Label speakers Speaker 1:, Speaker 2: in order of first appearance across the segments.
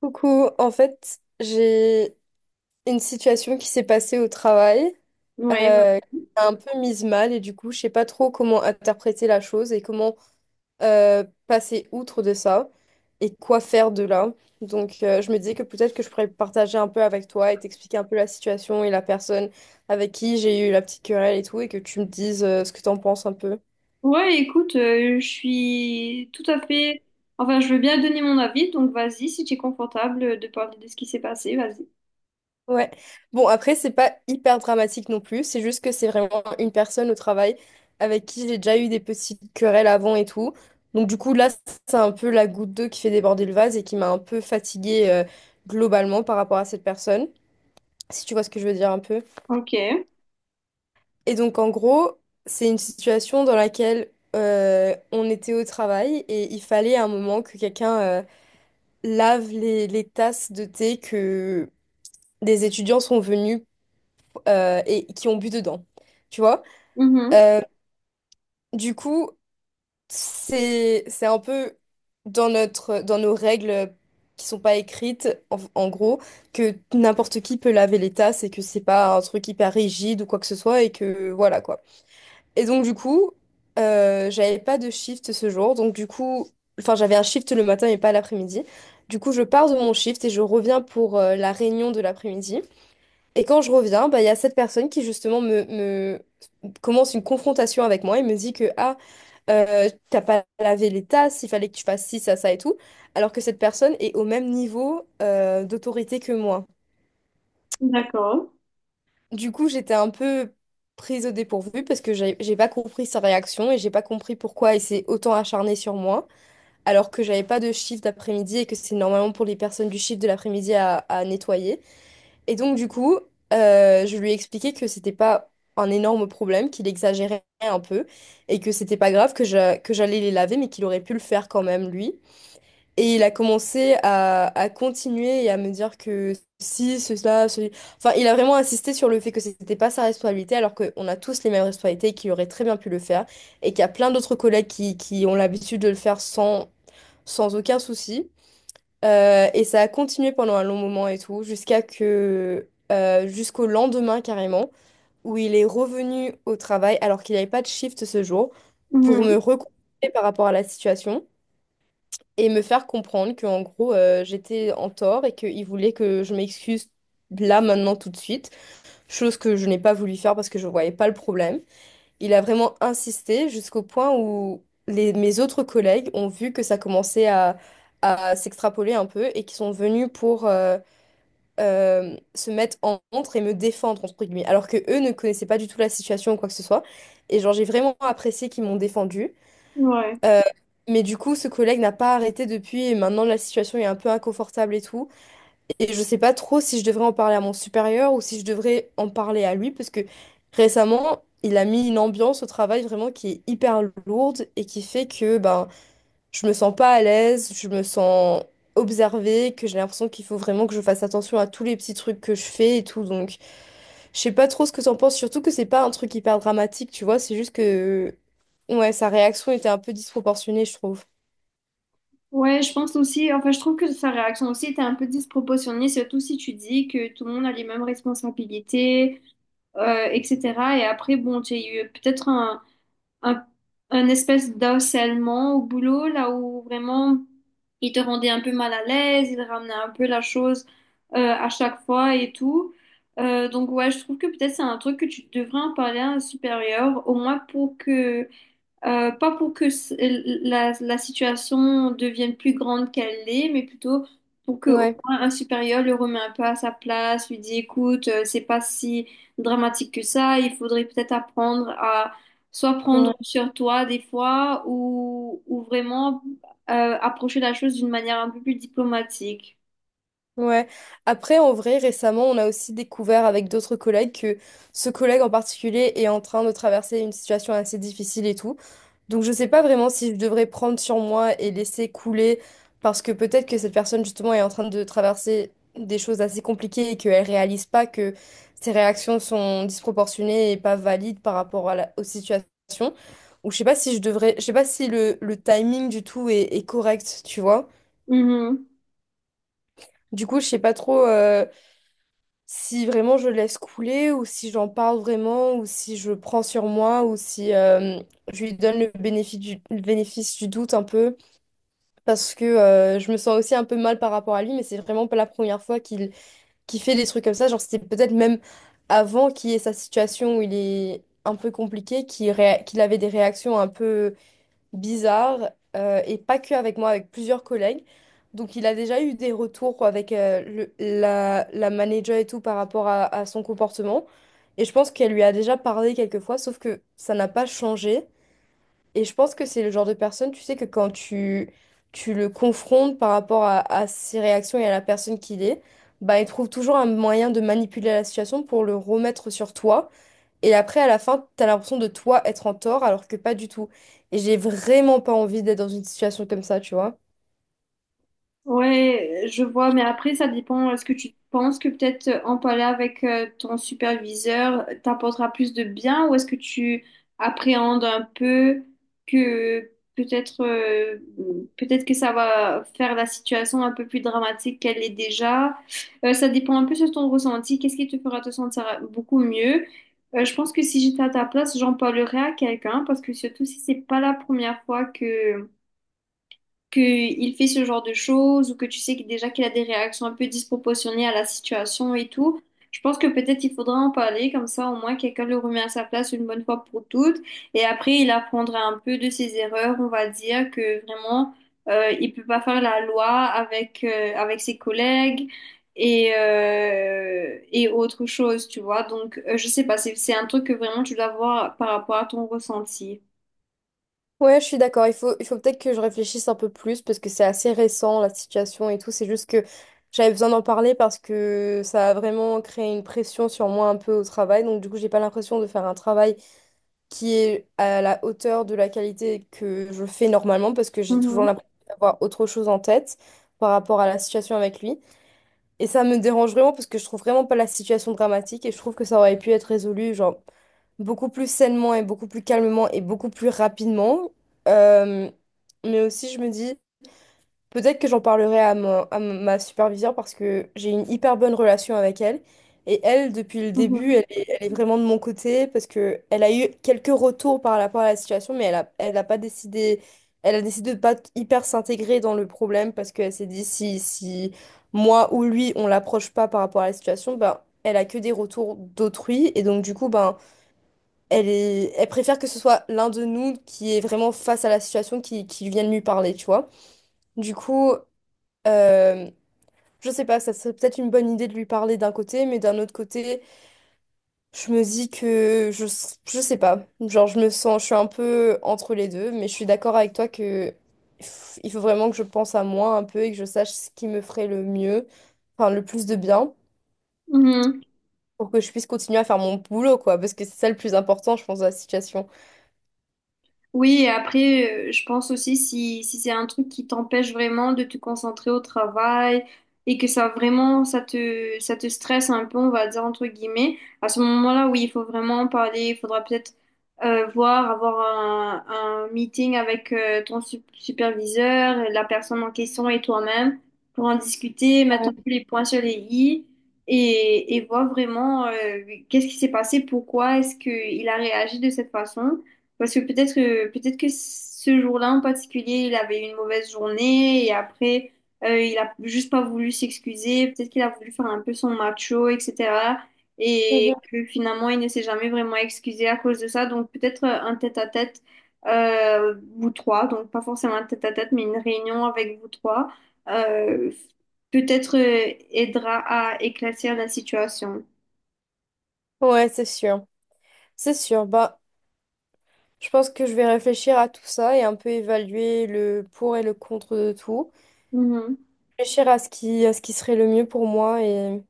Speaker 1: Coucou, en fait, j'ai une situation qui s'est passée au travail,
Speaker 2: Ouais, voilà.
Speaker 1: euh, un peu mise mal et du coup, je sais pas trop comment interpréter la chose et comment passer outre de ça et quoi faire de là. Donc, je me disais que peut-être que je pourrais partager un peu avec toi et t'expliquer un peu la situation et la personne avec qui j'ai eu la petite querelle et tout et que tu me dises ce que t'en penses un peu.
Speaker 2: Ouais, écoute, je suis tout à fait. Enfin, je veux bien donner mon avis, donc vas-y, si tu es confortable de parler de ce qui s'est passé, vas-y.
Speaker 1: Ouais. Bon, après, c'est pas hyper dramatique non plus. C'est juste que c'est vraiment une personne au travail avec qui j'ai déjà eu des petites querelles avant et tout. Donc, du coup, là, c'est un peu la goutte d'eau qui fait déborder le vase et qui m'a un peu fatiguée, globalement par rapport à cette personne, si tu vois ce que je veux dire un peu.
Speaker 2: Ok.
Speaker 1: Et donc, en gros, c'est une situation dans laquelle on était au travail et il fallait à un moment que quelqu'un lave les tasses de thé que des étudiants sont venus et qui ont bu dedans. Tu vois?
Speaker 2: Mhm.
Speaker 1: Euh, du coup, c'est un peu dans notre dans nos règles qui sont pas écrites en gros, que n'importe qui peut laver les tasses et que c'est pas un truc hyper rigide ou quoi que ce soit et que voilà quoi. Et donc du coup, j'avais pas de shift ce jour, donc du coup, enfin j'avais un shift le matin et pas l'après-midi. Du coup, je pars de mon shift et je reviens pour la réunion de l'après-midi. Et quand je reviens, bah, il y a cette personne qui justement me commence une confrontation avec moi et me dit que ah, t'as pas lavé les tasses, il fallait que tu fasses ci, ça et tout, alors que cette personne est au même niveau d'autorité que moi.
Speaker 2: D'accord.
Speaker 1: Du coup, j'étais un peu prise au dépourvu parce que j'ai pas compris sa réaction et j'ai pas compris pourquoi il s'est autant acharné sur moi, alors que j'avais pas de shift d'après-midi et que c'est normalement pour les personnes du shift de l'après-midi à nettoyer. Et donc, du coup, je lui ai expliqué que c'était pas un énorme problème, qu'il exagérait un peu et que c'était pas grave, que j'allais les laver, mais qu'il aurait pu le faire quand même, lui. Et il a commencé à continuer et à me dire que si, cela, ceci. Enfin, il a vraiment insisté sur le fait que c'était pas sa responsabilité, alors qu'on a tous les mêmes responsabilités et qu'il aurait très bien pu le faire. Et qu'il y a plein d'autres collègues qui ont l'habitude de le faire sans aucun souci. Et ça a continué pendant un long moment et tout, jusqu'au lendemain carrément, où il est revenu au travail alors qu'il n'avait pas de shift ce jour, pour me
Speaker 2: Mhm.
Speaker 1: reconfronter par rapport à la situation et me faire comprendre que en gros, j'étais en tort et qu'il voulait que je m'excuse là maintenant tout de suite, chose que je n'ai pas voulu faire parce que je ne voyais pas le problème. Il a vraiment insisté jusqu'au point où mes autres collègues ont vu que ça commençait à s'extrapoler un peu et qui sont venus pour se mettre en contre et me défendre, entre guillemets, alors que eux ne connaissaient pas du tout la situation ou quoi que ce soit. Et genre, j'ai vraiment apprécié qu'ils m'ont défendu.
Speaker 2: Ouais.
Speaker 1: Euh, mais du coup, ce collègue n'a pas arrêté depuis et maintenant la situation est un peu inconfortable et tout. Et je sais pas trop si je devrais en parler à mon supérieur ou si je devrais en parler à lui, parce que récemment, il a mis une ambiance au travail vraiment qui est hyper lourde et qui fait que ben, je me sens pas à l'aise, je me sens observée, que j'ai l'impression qu'il faut vraiment que je fasse attention à tous les petits trucs que je fais et tout. Donc, je sais pas trop ce que t'en penses, surtout que c'est pas un truc hyper dramatique, tu vois, c'est juste que ouais, sa réaction était un peu disproportionnée, je trouve.
Speaker 2: Ouais, je pense aussi. Enfin, je trouve que sa réaction aussi était un peu disproportionnée, surtout si tu dis que tout le monde a les mêmes responsabilités, etc. Et après, bon, tu as eu peut-être un, un espèce d'harcèlement au boulot, là où vraiment il te rendait un peu mal à l'aise, il ramenait un peu la chose à chaque fois et tout. Donc ouais, je trouve que peut-être c'est un truc que tu devrais en parler à un supérieur, au moins pour que pas pour que la situation devienne plus grande qu'elle l'est, mais plutôt pour que au
Speaker 1: Ouais,
Speaker 2: moins un supérieur le remet un peu à sa place, lui dit, écoute, c'est pas si dramatique que ça, il faudrait peut-être apprendre à soit prendre
Speaker 1: ouais.
Speaker 2: sur toi des fois ou vraiment approcher la chose d'une manière un peu plus diplomatique.
Speaker 1: Ouais. Après, en vrai, récemment, on a aussi découvert avec d'autres collègues que ce collègue en particulier est en train de traverser une situation assez difficile et tout. Donc, je sais pas vraiment si je devrais prendre sur moi et laisser couler parce que peut-être que cette personne, justement, est en train de traverser des choses assez compliquées et qu'elle réalise pas que ses réactions sont disproportionnées et pas valides par rapport à aux situations. Ou je sais pas si je devrais, je sais pas si le timing du tout est correct, tu vois. Du coup, je sais pas trop. Si vraiment je laisse couler ou si j'en parle vraiment ou si je prends sur moi ou si je lui donne le bénéfice du doute un peu parce que, je me sens aussi un peu mal par rapport à lui, mais c'est vraiment pas la première fois qu'il fait des trucs comme ça, genre c'était peut-être même avant qu'il y ait sa situation où il est un peu compliqué, qu'il avait des réactions un peu bizarre, et pas que avec moi, avec plusieurs collègues. Donc il a déjà eu des retours avec la manager et tout par rapport à son comportement. Et je pense qu'elle lui a déjà parlé quelques fois, sauf que ça n'a pas changé. Et je pense que c'est le genre de personne, tu sais, que quand tu le confrontes par rapport à ses réactions et à la personne qu'il est, bah, il trouve toujours un moyen de manipuler la situation pour le remettre sur toi. Et après, à la fin, t'as l'impression de toi être en tort, alors que pas du tout. Et j'ai vraiment pas envie d'être dans une situation comme ça, tu vois.
Speaker 2: Ouais, je vois, mais après, ça dépend. Est-ce que tu penses que peut-être en parler avec ton superviseur t'apportera plus de bien ou est-ce que tu appréhendes un peu que peut-être euh, peut-être que ça va faire la situation un peu plus dramatique qu'elle est déjà? Ça dépend un peu de ton ressenti. Qu'est-ce qui te fera te sentir beaucoup mieux? Je pense que si j'étais à ta place, j'en parlerais à quelqu'un parce que surtout si c'est pas la première fois que qu'il fait ce genre de choses ou que tu sais que déjà qu'il a des réactions un peu disproportionnées à la situation et tout, je pense que peut-être il faudra en parler, comme ça au moins quelqu'un le remet à sa place une bonne fois pour toutes. Et après, il apprendra un peu de ses erreurs, on va dire que vraiment, il peut pas faire la loi avec ses collègues. Et autre chose, tu vois. Donc, je sais pas, c'est un truc que vraiment tu dois voir par rapport à ton ressenti.
Speaker 1: Ouais, je suis d'accord. Il faut peut-être que je réfléchisse un peu plus parce que c'est assez récent, la situation et tout. C'est juste que j'avais besoin d'en parler parce que ça a vraiment créé une pression sur moi un peu au travail. Donc, du coup, j'ai pas l'impression de faire un travail qui est à la hauteur de la qualité que je fais normalement parce que j'ai toujours
Speaker 2: Mhm,
Speaker 1: l'impression d'avoir autre chose en tête par rapport à la situation avec lui. Et ça me dérange vraiment parce que je trouve vraiment pas la situation dramatique et je trouve que ça aurait pu être résolu, genre, beaucoup plus sainement et beaucoup plus calmement et beaucoup plus rapidement. Euh, mais aussi, je me dis. Peut-être que j'en parlerai à ma superviseure parce que j'ai une hyper bonne relation avec elle. Et elle, depuis le début,
Speaker 2: mhm,
Speaker 1: elle est vraiment de mon côté parce que elle a eu quelques retours par rapport à la situation, mais elle a pas décidé, elle a décidé de pas hyper s'intégrer dans le problème parce qu'elle s'est dit si moi ou lui, on l'approche pas par rapport à la situation, ben, elle a que des retours d'autrui. Et donc, du coup, ben, elle préfère que ce soit l'un de nous qui est vraiment face à la situation qui vienne lui parler, tu vois. Du coup. Euh, je sais pas, ça serait peut-être une bonne idée de lui parler d'un côté, mais d'un autre côté, je me dis que je sais pas. Genre, je suis un peu entre les deux, mais je suis d'accord avec toi que il faut vraiment que je pense à moi un peu et que je sache ce qui me ferait le mieux, enfin le plus de bien,
Speaker 2: mhm.
Speaker 1: pour que je puisse continuer à faire mon boulot, quoi, parce que c'est ça le plus important, je pense, dans la situation.
Speaker 2: Oui, et après, je pense aussi si c'est un truc qui t'empêche vraiment de te concentrer au travail et que ça vraiment, ça te stresse un peu, on va dire entre guillemets, à ce moment-là, oui, il faut vraiment en parler, il faudra peut-être voir, avoir un meeting avec ton superviseur, la personne en question et toi-même pour en discuter, mettre un peu les points sur les i et voir vraiment qu'est-ce qui s'est passé, pourquoi est-ce qu'il a réagi de cette façon. Parce que peut-être que ce jour-là en particulier, il avait eu une mauvaise journée et après il a juste pas voulu s'excuser. Peut-être qu'il a voulu faire un peu son macho, etc. Et
Speaker 1: Mhm.
Speaker 2: que finalement il ne s'est jamais vraiment excusé à cause de ça. Donc peut-être un tête-à-tête vous trois, donc pas forcément un tête-à-tête, mais une réunion avec vous trois, euh, peut-être aidera à éclaircir la situation.
Speaker 1: Ouais, c'est sûr. C'est sûr. Bah, je pense que je vais réfléchir à tout ça et un peu évaluer le pour et le contre de tout. Réfléchir à à ce qui serait le mieux pour moi et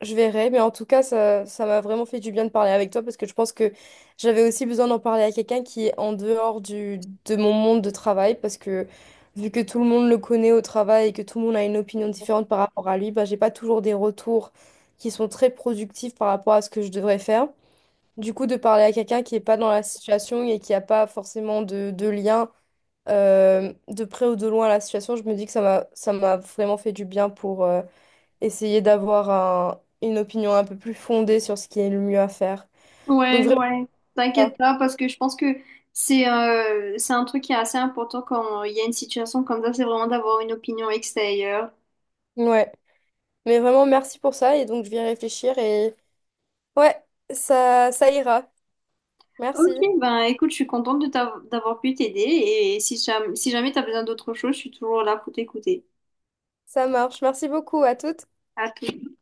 Speaker 1: je verrai. Mais en tout cas, ça m'a vraiment fait du bien de parler avec toi parce que je pense que j'avais aussi besoin d'en parler à quelqu'un qui est en dehors de mon monde de travail parce que vu que tout le monde le connaît au travail et que tout le monde a une opinion différente par rapport à lui, bah, j'ai pas toujours des retours qui sont très productifs par rapport à ce que je devrais faire. Du coup, de parler à quelqu'un qui n'est pas dans la situation et qui n'a pas forcément de lien de près ou de loin la situation, je me dis que ça m'a vraiment fait du bien pour essayer d'avoir une opinion un peu plus fondée sur ce qui est le mieux à faire. Donc
Speaker 2: Ouais,
Speaker 1: vraiment
Speaker 2: ouais.
Speaker 1: ça.
Speaker 2: T'inquiète pas, parce que je pense que c'est un truc qui est assez important quand il y a une situation comme ça, c'est vraiment d'avoir une opinion extérieure.
Speaker 1: Ouais. Mais vraiment merci pour ça et donc je vais y réfléchir et ouais, ça ira. Merci.
Speaker 2: Ok, ben écoute, je suis contente de d'avoir pu t'aider et si jamais, t'as besoin d'autre chose, je suis toujours là pour t'écouter.
Speaker 1: Ça marche. Merci beaucoup à toutes.
Speaker 2: À tout.